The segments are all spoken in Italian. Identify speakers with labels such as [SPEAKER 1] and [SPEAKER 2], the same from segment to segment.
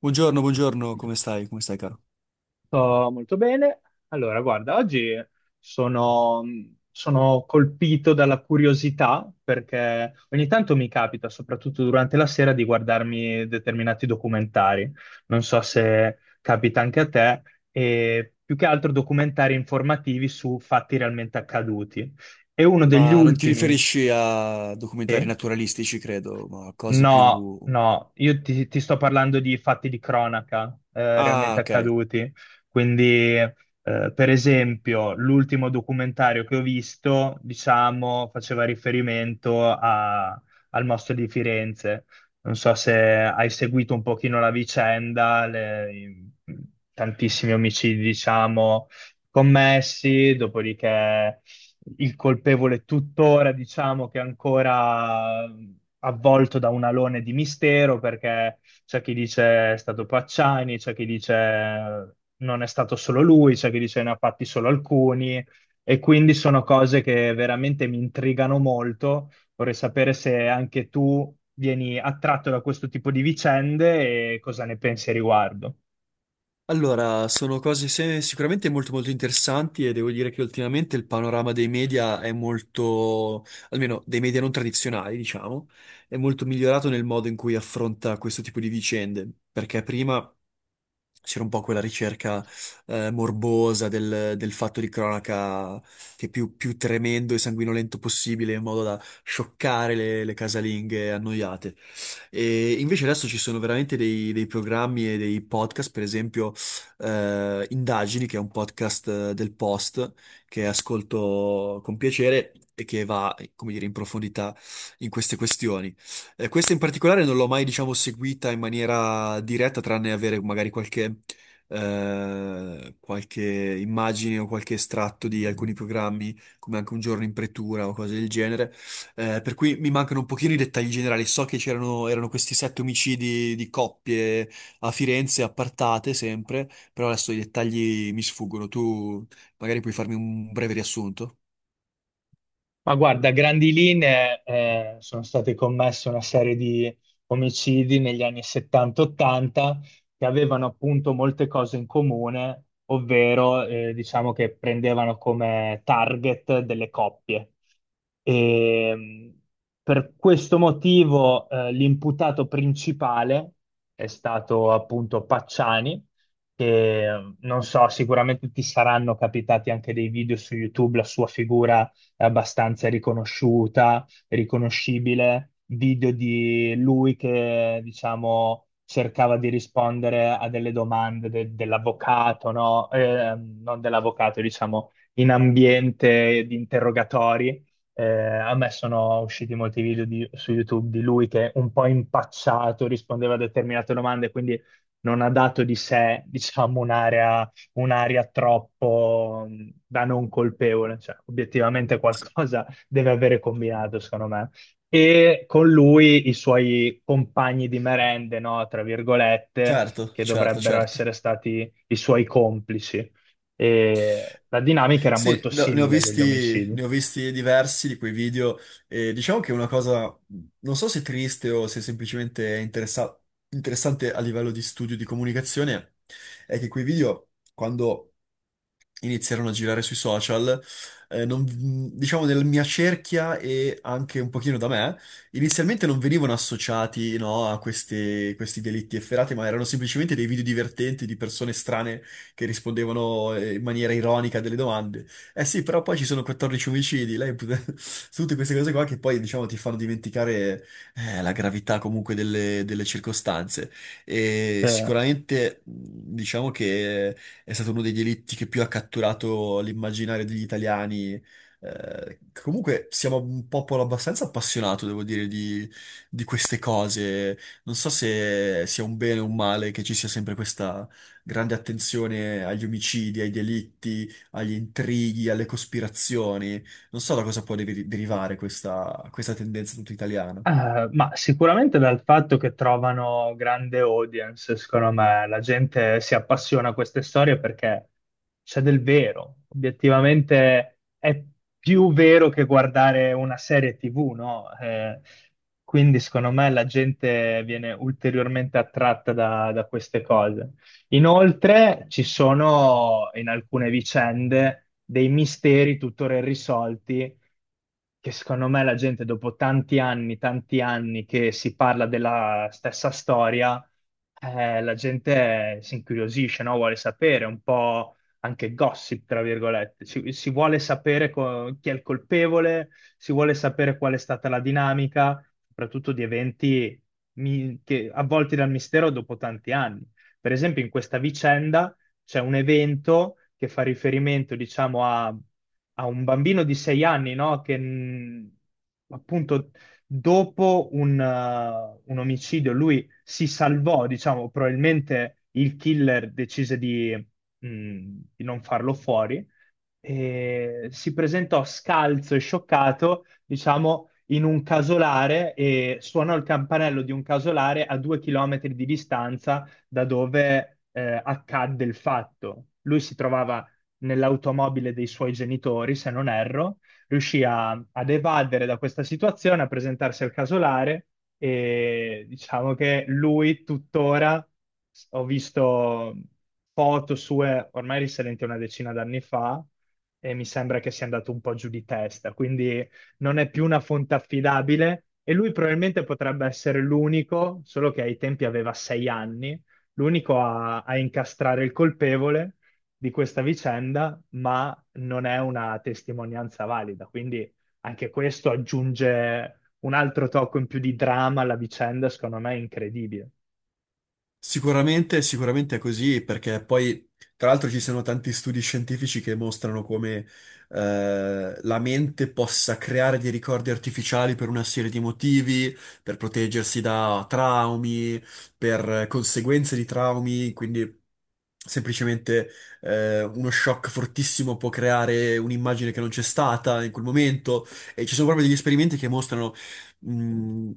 [SPEAKER 1] Buongiorno, buongiorno, come stai? Come stai, caro?
[SPEAKER 2] Sto molto bene. Allora, guarda, oggi sono, sono colpito dalla curiosità perché ogni tanto mi capita, soprattutto durante la sera, di guardarmi determinati documentari. Non so se capita anche a te, e più che altro documentari informativi su fatti realmente accaduti. E uno degli
[SPEAKER 1] Ma non ti
[SPEAKER 2] ultimi,
[SPEAKER 1] riferisci a documentari
[SPEAKER 2] sì?
[SPEAKER 1] naturalistici, credo, ma a cose
[SPEAKER 2] No,
[SPEAKER 1] più...
[SPEAKER 2] no, io ti sto parlando di fatti di cronaca
[SPEAKER 1] Ah,
[SPEAKER 2] realmente
[SPEAKER 1] ok.
[SPEAKER 2] accaduti. Quindi, per esempio, l'ultimo documentario che ho visto, diciamo, faceva riferimento al mostro di Firenze. Non so se hai seguito un pochino la vicenda, tantissimi omicidi, diciamo, commessi, dopodiché il colpevole tuttora, diciamo che è ancora avvolto da un alone di mistero, perché c'è chi dice è stato Pacciani, c'è chi dice non è stato solo lui, c'è chi dice ne ha fatti solo alcuni, e quindi sono cose che veramente mi intrigano molto. Vorrei sapere se anche tu vieni attratto da questo tipo di vicende e cosa ne pensi a riguardo.
[SPEAKER 1] Allora, sono cose sicuramente molto molto interessanti e devo dire che ultimamente il panorama dei media è molto, almeno dei media non tradizionali, diciamo, è molto migliorato nel modo in cui affronta questo tipo di vicende, perché prima c'era un po' quella ricerca morbosa del fatto di cronaca che più, più tremendo e sanguinolento possibile in modo da scioccare le casalinghe annoiate. E invece adesso ci sono veramente dei programmi e dei podcast, per esempio Indagini, che è un podcast del Post, che ascolto con piacere e che va, come dire, in profondità in queste questioni. Questa in particolare non l'ho mai, diciamo, seguita in maniera diretta, tranne avere magari qualche, qualche immagine o qualche estratto di alcuni programmi, come anche Un giorno in pretura o cose del genere. Per cui mi mancano un pochino i dettagli generali. So che c'erano erano questi 7 omicidi di coppie a Firenze, appartate sempre, però adesso i dettagli mi sfuggono. Tu magari puoi farmi un breve riassunto?
[SPEAKER 2] Ma guarda, a grandi linee sono state commesse una serie di omicidi negli anni 70-80 che avevano appunto molte cose in comune, ovvero diciamo che prendevano come target delle coppie. E, mh, per questo motivo l'imputato principale è stato appunto Pacciani, che non so, sicuramente ti saranno capitati anche dei video su YouTube, la sua figura abbastanza riconosciuta, riconoscibile, video di lui che, diciamo, cercava di rispondere a delle domande dell'avvocato, no? Non dell'avvocato, diciamo, in ambiente di interrogatori. A me sono usciti molti video su YouTube di lui che un po' impacciato rispondeva a determinate domande, quindi non ha dato di sé, diciamo, un'aria troppo da non colpevole, cioè obiettivamente qualcosa deve avere combinato, secondo me. E con lui i suoi compagni di merende, no, tra virgolette,
[SPEAKER 1] Certo,
[SPEAKER 2] che
[SPEAKER 1] certo,
[SPEAKER 2] dovrebbero
[SPEAKER 1] certo.
[SPEAKER 2] essere stati i suoi complici. E la dinamica era
[SPEAKER 1] Sì,
[SPEAKER 2] molto
[SPEAKER 1] no,
[SPEAKER 2] simile degli omicidi.
[SPEAKER 1] ne ho visti diversi di quei video e diciamo che è una cosa, non so se triste o se semplicemente è interessante a livello di studio di comunicazione, è che quei video, quando iniziarono a girare sui social, eh, non- diciamo nella mia cerchia e anche un pochino da me, inizialmente non venivano associati, no, a questi delitti efferati, ma erano semplicemente dei video divertenti di persone strane che rispondevano in maniera ironica a delle domande. Eh sì, però poi ci sono 14 omicidi, lei... tutte queste cose qua che poi, diciamo, ti fanno dimenticare la gravità comunque delle circostanze. E
[SPEAKER 2] Cioè,
[SPEAKER 1] sicuramente diciamo che è stato uno dei delitti che più ha catturato l'immaginario degli italiani. Comunque siamo un popolo abbastanza appassionato, devo dire, di queste cose. Non so se sia un bene o un male che ci sia sempre questa grande attenzione agli omicidi, ai delitti, agli intrighi, alle cospirazioni. Non so da cosa può derivare questa, questa tendenza tutta italiana.
[SPEAKER 2] Ma sicuramente dal fatto che trovano grande audience, secondo me, la gente si appassiona a queste storie perché c'è del vero. Obiettivamente è più vero che guardare una serie TV, no? Quindi secondo me la gente viene ulteriormente attratta da queste cose. Inoltre ci sono in alcune vicende dei misteri tuttora irrisolti che secondo me la gente dopo tanti anni che si parla della stessa storia, la gente si incuriosisce, no? Vuole sapere un po' anche gossip, tra virgolette. Si vuole sapere chi è il colpevole, si vuole sapere qual è stata la dinamica, soprattutto di eventi che, avvolti dal mistero dopo tanti anni. Per esempio, in questa vicenda c'è un evento che fa riferimento, diciamo, a, un bambino di 6 anni, no? Che appunto dopo un omicidio lui si salvò, diciamo, probabilmente il killer decise mh, di non farlo fuori e si presentò scalzo e scioccato, diciamo, in un casolare e suonò il campanello di un casolare a 2 chilometri di distanza da dove accadde il fatto. Lui si trovava nell'automobile dei suoi genitori, se non erro, riuscì ad evadere da questa situazione, a presentarsi al casolare e diciamo che lui tuttora, ho visto foto sue ormai risalenti a una decina d'anni fa, e mi sembra che sia andato un po' giù di testa, quindi non è più una fonte affidabile e lui probabilmente potrebbe essere l'unico, solo che ai tempi aveva 6 anni, l'unico a incastrare il colpevole di questa vicenda, ma non è una testimonianza valida. Quindi anche questo aggiunge un altro tocco in più di dramma alla vicenda, secondo me è incredibile.
[SPEAKER 1] Sicuramente, sicuramente è così, perché poi, tra l'altro, ci sono tanti studi scientifici che mostrano come la mente possa creare dei ricordi artificiali per una serie di motivi, per proteggersi da traumi, per conseguenze di traumi, quindi semplicemente uno shock fortissimo può creare un'immagine che non c'è stata in quel momento. E ci sono proprio degli esperimenti che mostrano mh,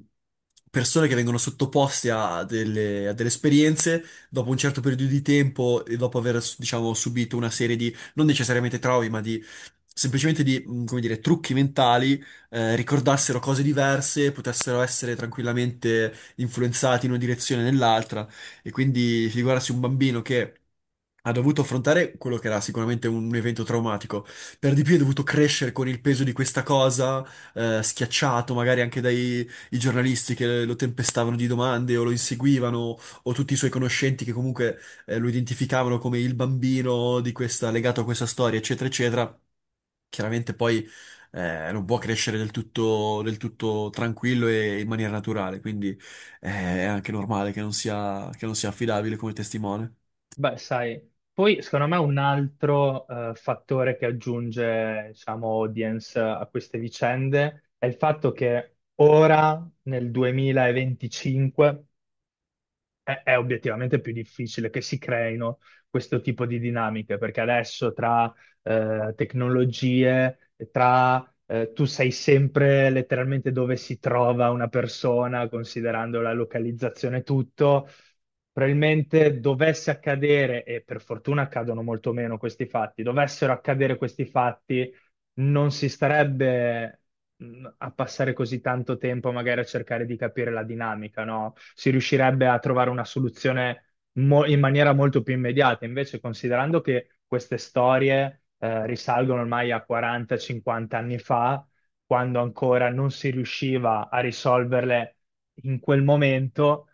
[SPEAKER 1] persone che vengono sottoposte a a delle esperienze dopo un certo periodo di tempo e dopo aver, diciamo, subito una serie di, non necessariamente traumi, ma di semplicemente come dire, trucchi mentali, ricordassero cose diverse, potessero essere tranquillamente influenzati in una direzione o nell'altra. E quindi figurarsi un bambino che ha dovuto affrontare quello che era sicuramente un evento traumatico, per di più ha dovuto crescere con il peso di questa cosa, schiacciato magari anche dai i giornalisti che lo tempestavano di domande o lo inseguivano, o tutti i suoi conoscenti che comunque lo identificavano come il bambino di questa, legato a questa storia, eccetera, eccetera. Chiaramente poi, non può crescere del tutto tranquillo e in maniera naturale, quindi eh, è anche normale che non sia affidabile come testimone.
[SPEAKER 2] Beh, sai, poi secondo me un altro fattore che aggiunge, diciamo, audience a queste vicende è il fatto che ora, nel 2025, è obiettivamente più difficile che si creino questo tipo di dinamiche, perché adesso tra tecnologie, tra tu sai sempre letteralmente dove si trova una persona, considerando la localizzazione e tutto. Probabilmente dovesse accadere, e per fortuna accadono molto meno questi fatti, dovessero accadere questi fatti non si starebbe a passare così tanto tempo magari a cercare di capire la dinamica, no? Si riuscirebbe a trovare una soluzione in maniera molto più immediata. Invece, considerando che queste storie risalgono ormai a 40-50 anni fa, quando ancora non si riusciva a risolverle in quel momento,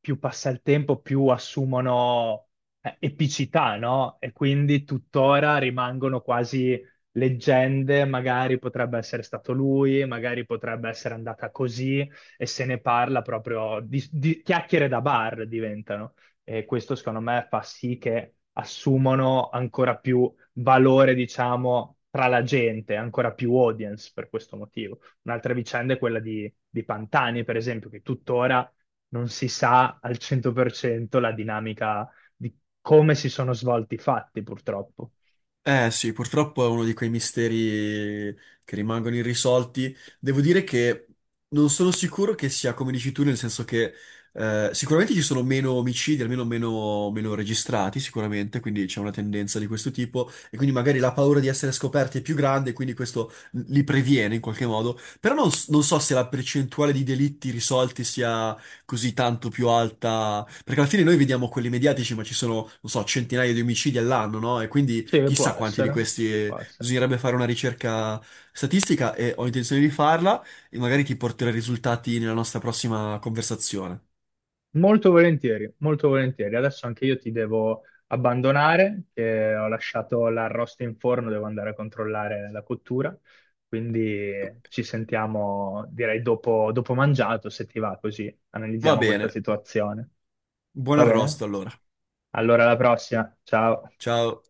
[SPEAKER 2] più passa il tempo, più assumono epicità, no? E quindi tuttora rimangono quasi leggende, magari potrebbe essere stato lui, magari potrebbe essere andata così e se ne parla proprio di, chiacchiere da bar diventano. E questo secondo me fa sì che assumono ancora più valore, diciamo, tra la gente, ancora più audience per questo motivo. Un'altra vicenda è quella di, Pantani, per esempio, che tuttora non si sa al 100% la dinamica di come si sono svolti i fatti, purtroppo.
[SPEAKER 1] Eh sì, purtroppo è uno di quei misteri che rimangono irrisolti. Devo dire che non sono sicuro che sia come dici tu, nel senso che sicuramente ci sono meno omicidi, almeno meno, meno registrati, sicuramente, quindi c'è una tendenza di questo tipo e quindi magari la paura di essere scoperti è più grande, quindi questo li previene in qualche modo. Però non so se la percentuale di delitti risolti sia così tanto più alta, perché alla fine noi vediamo quelli mediatici, ma ci sono, non so, centinaia di omicidi all'anno, no? E quindi
[SPEAKER 2] Sì, può
[SPEAKER 1] chissà quanti di
[SPEAKER 2] essere,
[SPEAKER 1] questi,
[SPEAKER 2] può essere.
[SPEAKER 1] bisognerebbe fare una ricerca statistica, e ho intenzione di farla e magari ti porterò i risultati nella nostra prossima conversazione.
[SPEAKER 2] Molto volentieri, molto volentieri. Adesso anche io ti devo abbandonare, che ho lasciato l'arrosto in forno, devo andare a controllare la cottura. Quindi ci sentiamo, direi, dopo, dopo mangiato, se ti va, così
[SPEAKER 1] Va
[SPEAKER 2] analizziamo questa
[SPEAKER 1] bene,
[SPEAKER 2] situazione.
[SPEAKER 1] buon
[SPEAKER 2] Va bene?
[SPEAKER 1] arrosto allora.
[SPEAKER 2] Allora, alla prossima. Ciao.
[SPEAKER 1] Ciao.